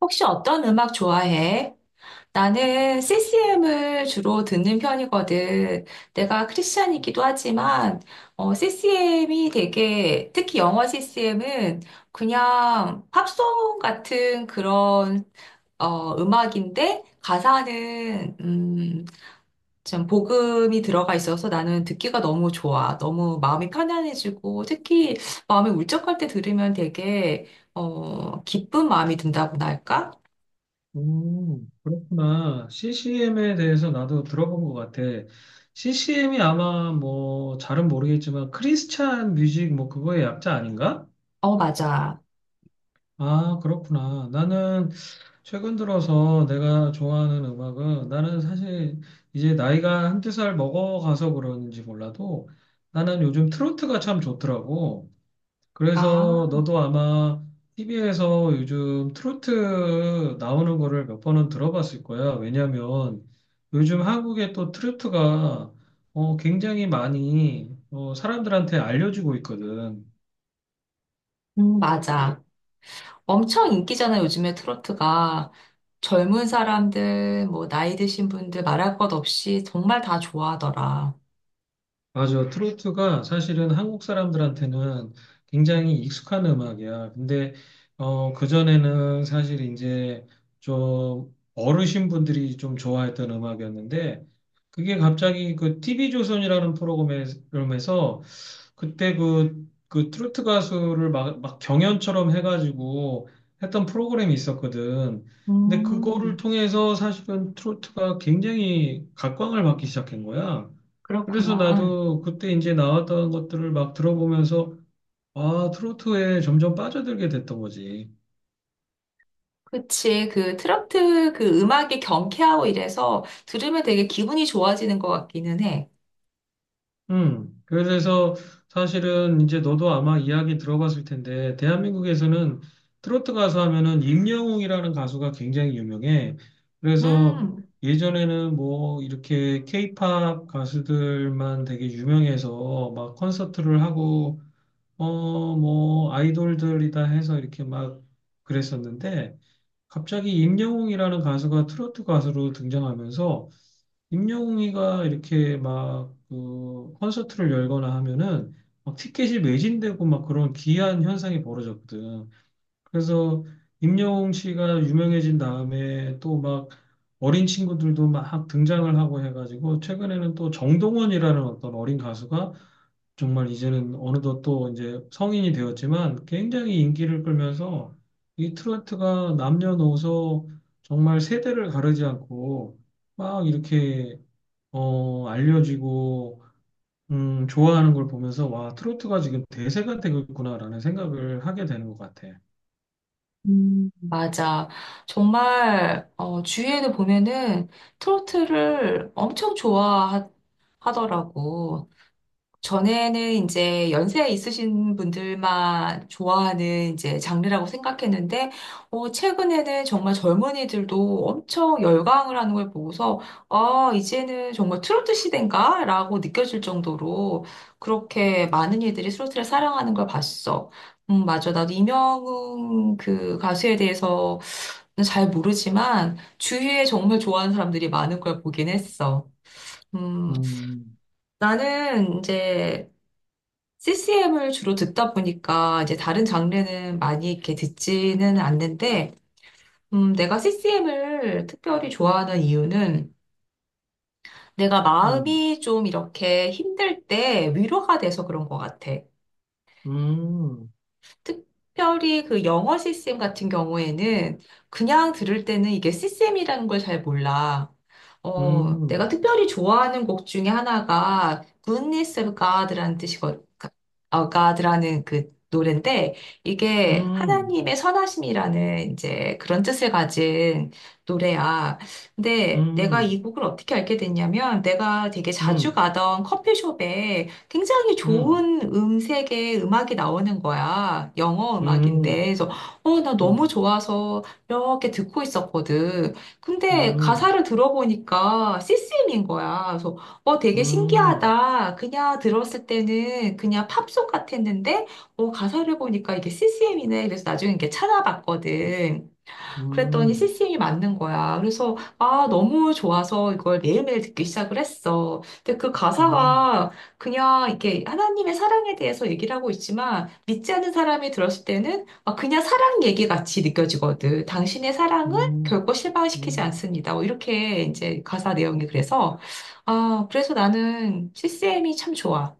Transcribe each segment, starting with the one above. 혹시 어떤 음악 좋아해? 나는 CCM을 주로 듣는 편이거든. 내가 크리스찬이기도 하지만, CCM이 되게, 특히 영어 CCM은 그냥 팝송 같은 그런, 음악인데, 가사는, 좀 복음이 들어가 있어서 나는 듣기가 너무 좋아. 너무 마음이 편안해지고, 특히 마음이 울적할 때 들으면 되게, 기쁜 마음이 든다고나 할까? 그렇구나. CCM에 대해서 나도 들어본 것 같아. CCM이 아마 뭐 잘은 모르겠지만 크리스찬 뮤직 뭐 그거의 약자 아닌가? 어, 맞아. 아, 그렇구나. 나는 최근 들어서 내가 좋아하는 음악은 나는 사실 이제 나이가 한두 살 먹어가서 그런지 몰라도 나는 요즘 트로트가 참 좋더라고. 아, 그래서 너도 아마 TV에서 요즘 트로트 나오는 거를 몇 번은 들어봤을 거야. 왜냐면 요즘 한국의 또 트로트가 굉장히 많이 사람들한테 알려지고 있거든. 맞아. 엄청 인기잖아, 요즘에 트로트가. 젊은 사람들, 뭐, 나이 드신 분들 말할 것 없이 정말 다 좋아하더라. 맞아. 트로트가 사실은 한국 사람들한테는 굉장히 익숙한 음악이야. 근데, 그전에는 사실 이제 좀 어르신분들이 좀 좋아했던 음악이었는데, 그게 갑자기 그 TV조선이라는 프로그램에서 그때 그 트로트 가수를 막 경연처럼 해가지고 했던 프로그램이 있었거든. 근데 그거를 음, 통해서 사실은 트로트가 굉장히 각광을 받기 시작한 거야. 그래서 그렇구나. 나도 그때 이제 나왔던 것들을 막 들어보면서 아, 트로트에 점점 빠져들게 됐던 거지. 그치. 그 트로트 그 음악이 경쾌하고 이래서 들으면 되게 기분이 좋아지는 것 같기는 해. 그래서 사실은 이제 너도 아마 이야기 들어봤을 텐데, 대한민국에서는 트로트 가수 하면은 임영웅이라는 가수가 굉장히 유명해. 그래서 음. 예전에는 뭐 이렇게 케이팝 가수들만 되게 유명해서 막 콘서트를 하고, 뭐 아이돌들이다 해서 이렇게 막 그랬었는데, 갑자기 임영웅이라는 가수가 트로트 가수로 등장하면서 임영웅이가 이렇게 막그 콘서트를 열거나 하면은 막 티켓이 매진되고 막 그런 기이한 현상이 벌어졌거든. 그래서 임영웅 씨가 유명해진 다음에 또 막 어린 친구들도 막 등장을 하고 해가지고 최근에는 또 정동원이라는 어떤 어린 가수가 정말 이제는 어느덧 또 이제 성인이 되었지만 굉장히 인기를 끌면서 이 트로트가 남녀노소 정말 세대를 가르지 않고 막 이렇게 알려지고, 좋아하는 걸 보면서, 와, 트로트가 지금 대세가 되겠구나라는 생각을 하게 되는 것 같아. 맞아. 정말, 주위에도 보면은 트로트를 엄청 좋아하더라고. 전에는 이제 연세 있으신 분들만 좋아하는 이제 장르라고 생각했는데, 최근에는 정말 젊은이들도 엄청 열광을 하는 걸 보고서, 아, 이제는 정말 트로트 시대인가? 라고 느껴질 정도로 그렇게 많은 이들이 트로트를 사랑하는 걸 봤어. 맞아. 나도 이명웅 그 가수에 대해서 잘 모르지만, 주위에 정말 좋아하는 사람들이 많은 걸 보긴 했어. 음, 음, 나는 이제 CCM을 주로 듣다 보니까 이제 다른 장르는 많이 이렇게 듣지는 않는데, 내가 CCM을 특별히 좋아하는 이유는 내가 음, 마음이 좀 이렇게 힘들 때 위로가 돼서 그런 것 같아. 음, 특별히 그 영어 시스템 같은 경우에는 그냥 들을 때는 이게 시스템이라는 걸 잘 몰라. 내가 음, 특별히 좋아하는 곡 중에 하나가 Goodness of God라는 뜻이거, God라는 그 노래인데 이게 음, 하나님의 선하심이라는 이제 그런 뜻을 가진 노래야. 음, 근데 내가 음, 이 곡을 어떻게 알게 됐냐면 내가 되게 자주 음, 가던 커피숍에 굉장히 음, 좋은 음색의 음악이 나오는 거야. 영어 음악인데. 음, 그래서, 나 너무 음, 좋아서 이렇게 듣고 있었거든. 근데 음, 가사를 들어보니까 CCM 인 거야. 그래서, 되게 음, 신기하다. 그냥 들었을 때는 그냥 팝송 같았는데, 가사를 보니까 이게 CCM이네. 그래서 나중에 이렇게 찾아봤거든. 그랬더니 c 음, c m 이 맞는 거야. 그래서, 아, 너무 좋아서 이걸 매일매일 듣기 시작을 했어. 근데 그 음, 가사가 그냥 이렇게 하나님의 사랑에 대해서 얘기를 하고 있지만, 믿지 않는 사람이 들었을 때는 아, 그냥 사랑 얘기 같이 느껴지거든. 당신의 사랑은 음. 결코 실망시키지 음. 않습니다. 뭐 이렇게 이제 가사 내용이 그래서, 아, 그래서 나는 CCM이 참 좋아.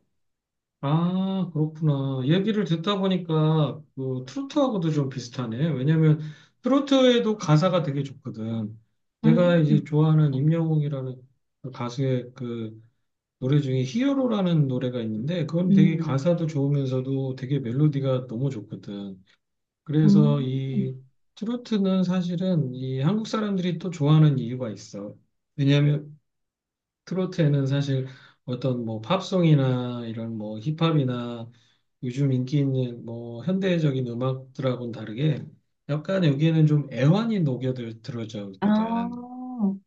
아, 그렇구나. 얘기를 듣다 보니까 그 트로트하고도 좀 비슷하네. 왜냐면 트로트에도 가사가 되게 좋거든. 내가 음, 이제 좋아하는 임영웅이라는 그 가수의 그 노래 중에 히어로라는 노래가 있는데 그건 되게 음, 가사도 좋으면서도 되게 멜로디가 너무 좋거든. 음. 그래서 이 트로트는 사실은 이 한국 사람들이 또 좋아하는 이유가 있어. 왜냐면 트로트에는 사실 어떤 뭐 팝송이나 이런 뭐 힙합이나 요즘 인기 있는 뭐 현대적인 음악들하고는 다르게 약간 여기에는 좀 애환이 녹여들 들어져 아, 있거든.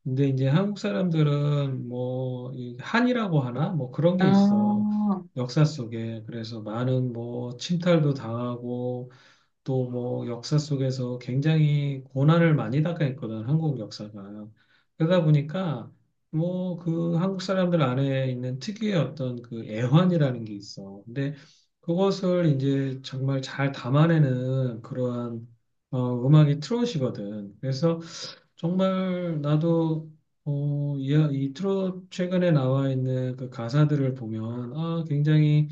근데 이제 한국 사람들은 뭐이 한이라고 하나 뭐 그런 게 있어. 아. 역사 속에 그래서 많은 뭐 침탈도 당하고 또 뭐 역사 속에서 굉장히 고난을 많이 당했거든, 한국 역사가. 그러다 보니까 뭐 그 한국 사람들 안에 있는 특유의 어떤 그 애환이라는 게 있어. 근데 그것을 이제 정말 잘 담아내는 그러한 음악이 트롯이거든. 그래서 정말 나도 이 트롯 최근에 나와 있는 그 가사들을 보면 아, 굉장히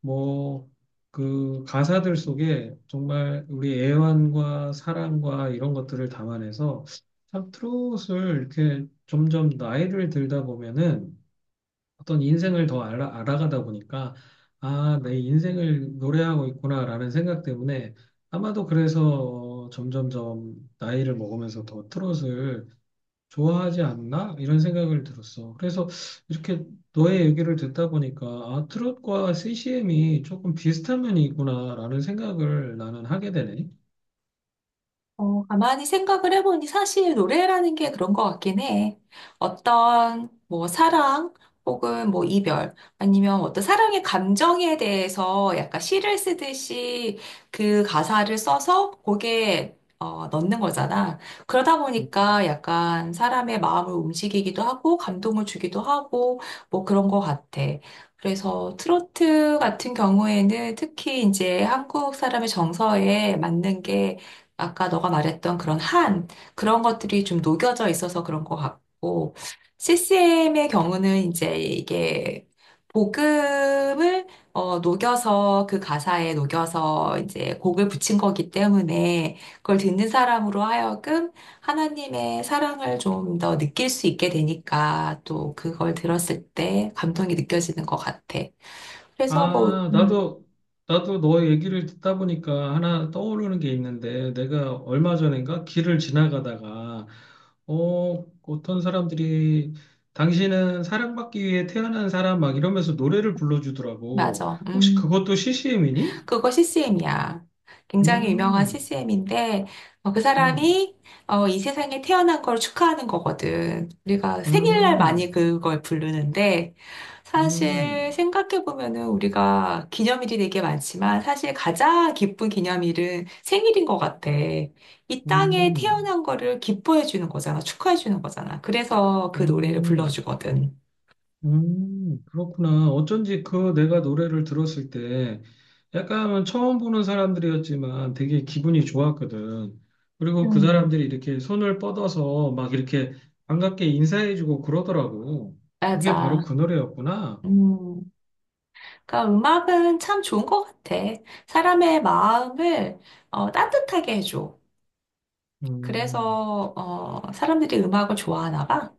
뭐, 그 가사들 속에 정말 우리 애환과 사랑과 이런 것들을 담아내서 참 트롯을 이렇게 점점 나이를 들다 보면은 어떤 인생을 더 알아가다 보니까 아, 내 인생을 노래하고 있구나라는 생각 때문에 아마도 그래서 점점점 나이를 먹으면서 더 트롯을 좋아하지 않나? 이런 생각을 들었어. 그래서 이렇게 너의 얘기를 듣다 보니까 아, 트롯과 CCM이 조금 비슷한 면이 있구나라는 생각을 나는 하게 되네. 가만히 생각을 해보니 사실 노래라는 게 그런 것 같긴 해. 어떤 뭐 사랑 혹은 뭐 이별 아니면 어떤 사랑의 감정에 대해서 약간 시를 쓰듯이 그 가사를 써서 곡에 넣는 거잖아. 그러다 음. 보니까 약간 사람의 마음을 움직이기도 하고 감동을 주기도 하고 뭐 그런 것 같아. 그래서 트로트 같은 경우에는 특히 이제 한국 사람의 정서에 맞는 게 아까 너가 말했던 그런 한, 그런 것들이 좀 녹여져 있어서 그런 것 같고, CCM의 경우는 이제 이게 복음을 녹여서 그 가사에 녹여서 이제 곡을 붙인 거기 때문에 그걸 듣는 사람으로 하여금 하나님의 사랑을 좀 더 느낄 수 있게 되니까 또 그걸 들었을 때 감동이 느껴지는 것 같아. 그래서 뭐, 아, 나도 너 얘기를 듣다 보니까 하나 떠오르는 게 있는데, 내가 얼마 전인가 길을 지나가다가, 어떤 사람들이, 당신은 사랑받기 위해 태어난 사람 막 이러면서 노래를 불러주더라고. 맞아. 혹시 음. 그것도 CCM이니? 그거 CCM이야. 굉장히 유명한 음. CCM인데, 그 음, 사람이 이 세상에 태어난 걸 축하하는 거거든. 우리가 생일날 음, 많이 그걸 부르는데, 사실 음, 생각해보면은 우리가 기념일이 되게 많지만, 사실 가장 기쁜 기념일은 생일인 것 같아. 이 땅에 음, 태어난 거를 기뻐해주는 거잖아. 축하해주는 거잖아. 그래서 그 노래를 음, 불러주거든. 그렇구나. 어쩐지 그 내가 노래를 들었을 때 약간 은 처음 보는 사람들이었지만 되게 기분이 좋았거든. 그리고 그 음, 사람들이 이렇게 손을 뻗어서 막 이렇게 반갑게 인사해주고 그러더라고. 그게 바로 맞아. 그 노래였구나. 음. 그러니까 음악은 참 좋은 것 같아. 사람의 마음을 따뜻하게 해줘. 음, 그래서 사람들이 음악을 좋아하나 봐.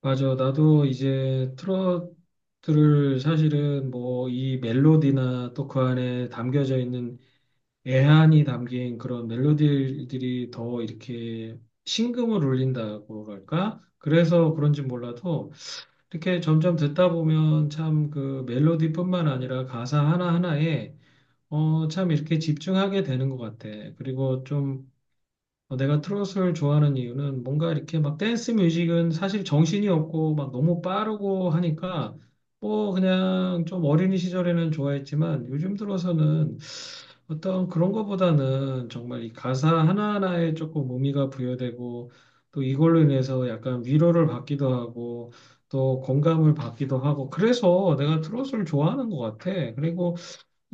맞아. 나도 이제 트로트를 사실은 뭐 이 멜로디나 또 그 안에 담겨져 있는 애환이 담긴 그런 멜로디들이 더 이렇게 심금을 울린다고 할까? 그래서 그런지 몰라도 이렇게 점점 듣다 보면 참 그 멜로디뿐만 아니라 가사 하나하나에 참 이렇게 집중하게 되는 것 같아. 그리고 좀 내가 트로트를 좋아하는 이유는 뭔가 이렇게 막 댄스 뮤직은 사실 정신이 없고 막 너무 빠르고 하니까 뭐 그냥 좀 어린이 시절에는 좋아했지만 요즘 들어서는 어떤 그런 거보다는 정말 이 가사 하나하나에 조금 의미가 부여되고 또 이걸로 인해서 약간 위로를 받기도 하고 또 공감을 받기도 하고 그래서 내가 트로트를 좋아하는 것 같아. 그리고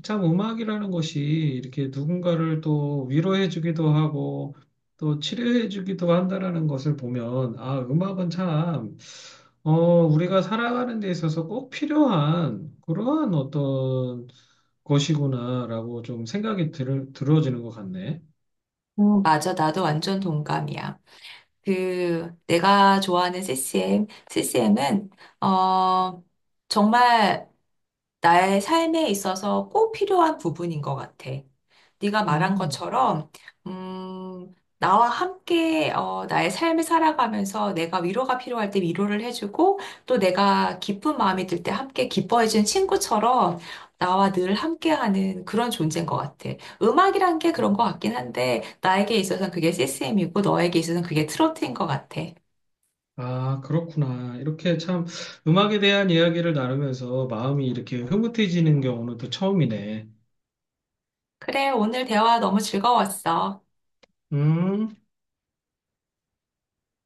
참 음악이라는 것이 이렇게 누군가를 또 위로해주기도 하고 또 치료해주기도 한다라는 것을 보면 아, 음악은 참 어, 우리가 살아가는 데 있어서 꼭 필요한 그러한 어떤 것이구나라고 좀 생각이 들어지는 것 같네. 맞아, 나도 완전 동감이야. 그 내가 좋아하는 CCM, CCM은 어, 정말 나의 삶에 있어서 꼭 필요한 부분인 것 같아. 네가 말한 음. 것처럼, 음, 나와 함께 나의 삶을 살아가면서 내가 위로가 필요할 때 위로를 해주고 또 내가 기쁜 마음이 들 때 함께 기뻐해준 친구처럼 나와 늘 함께하는 그런 존재인 것 같아. 음악이란 게 그런 것 같긴 한데 나에게 있어서는 그게 CCM이고 너에게 있어서는 그게 트로트인 것 같아. 아, 그렇구나. 이렇게 참 음악에 대한 이야기를 나누면서 마음이 이렇게 흐뭇해지는 경우는 또 처음이네. 그래, 오늘 대화 너무 즐거웠어. 음.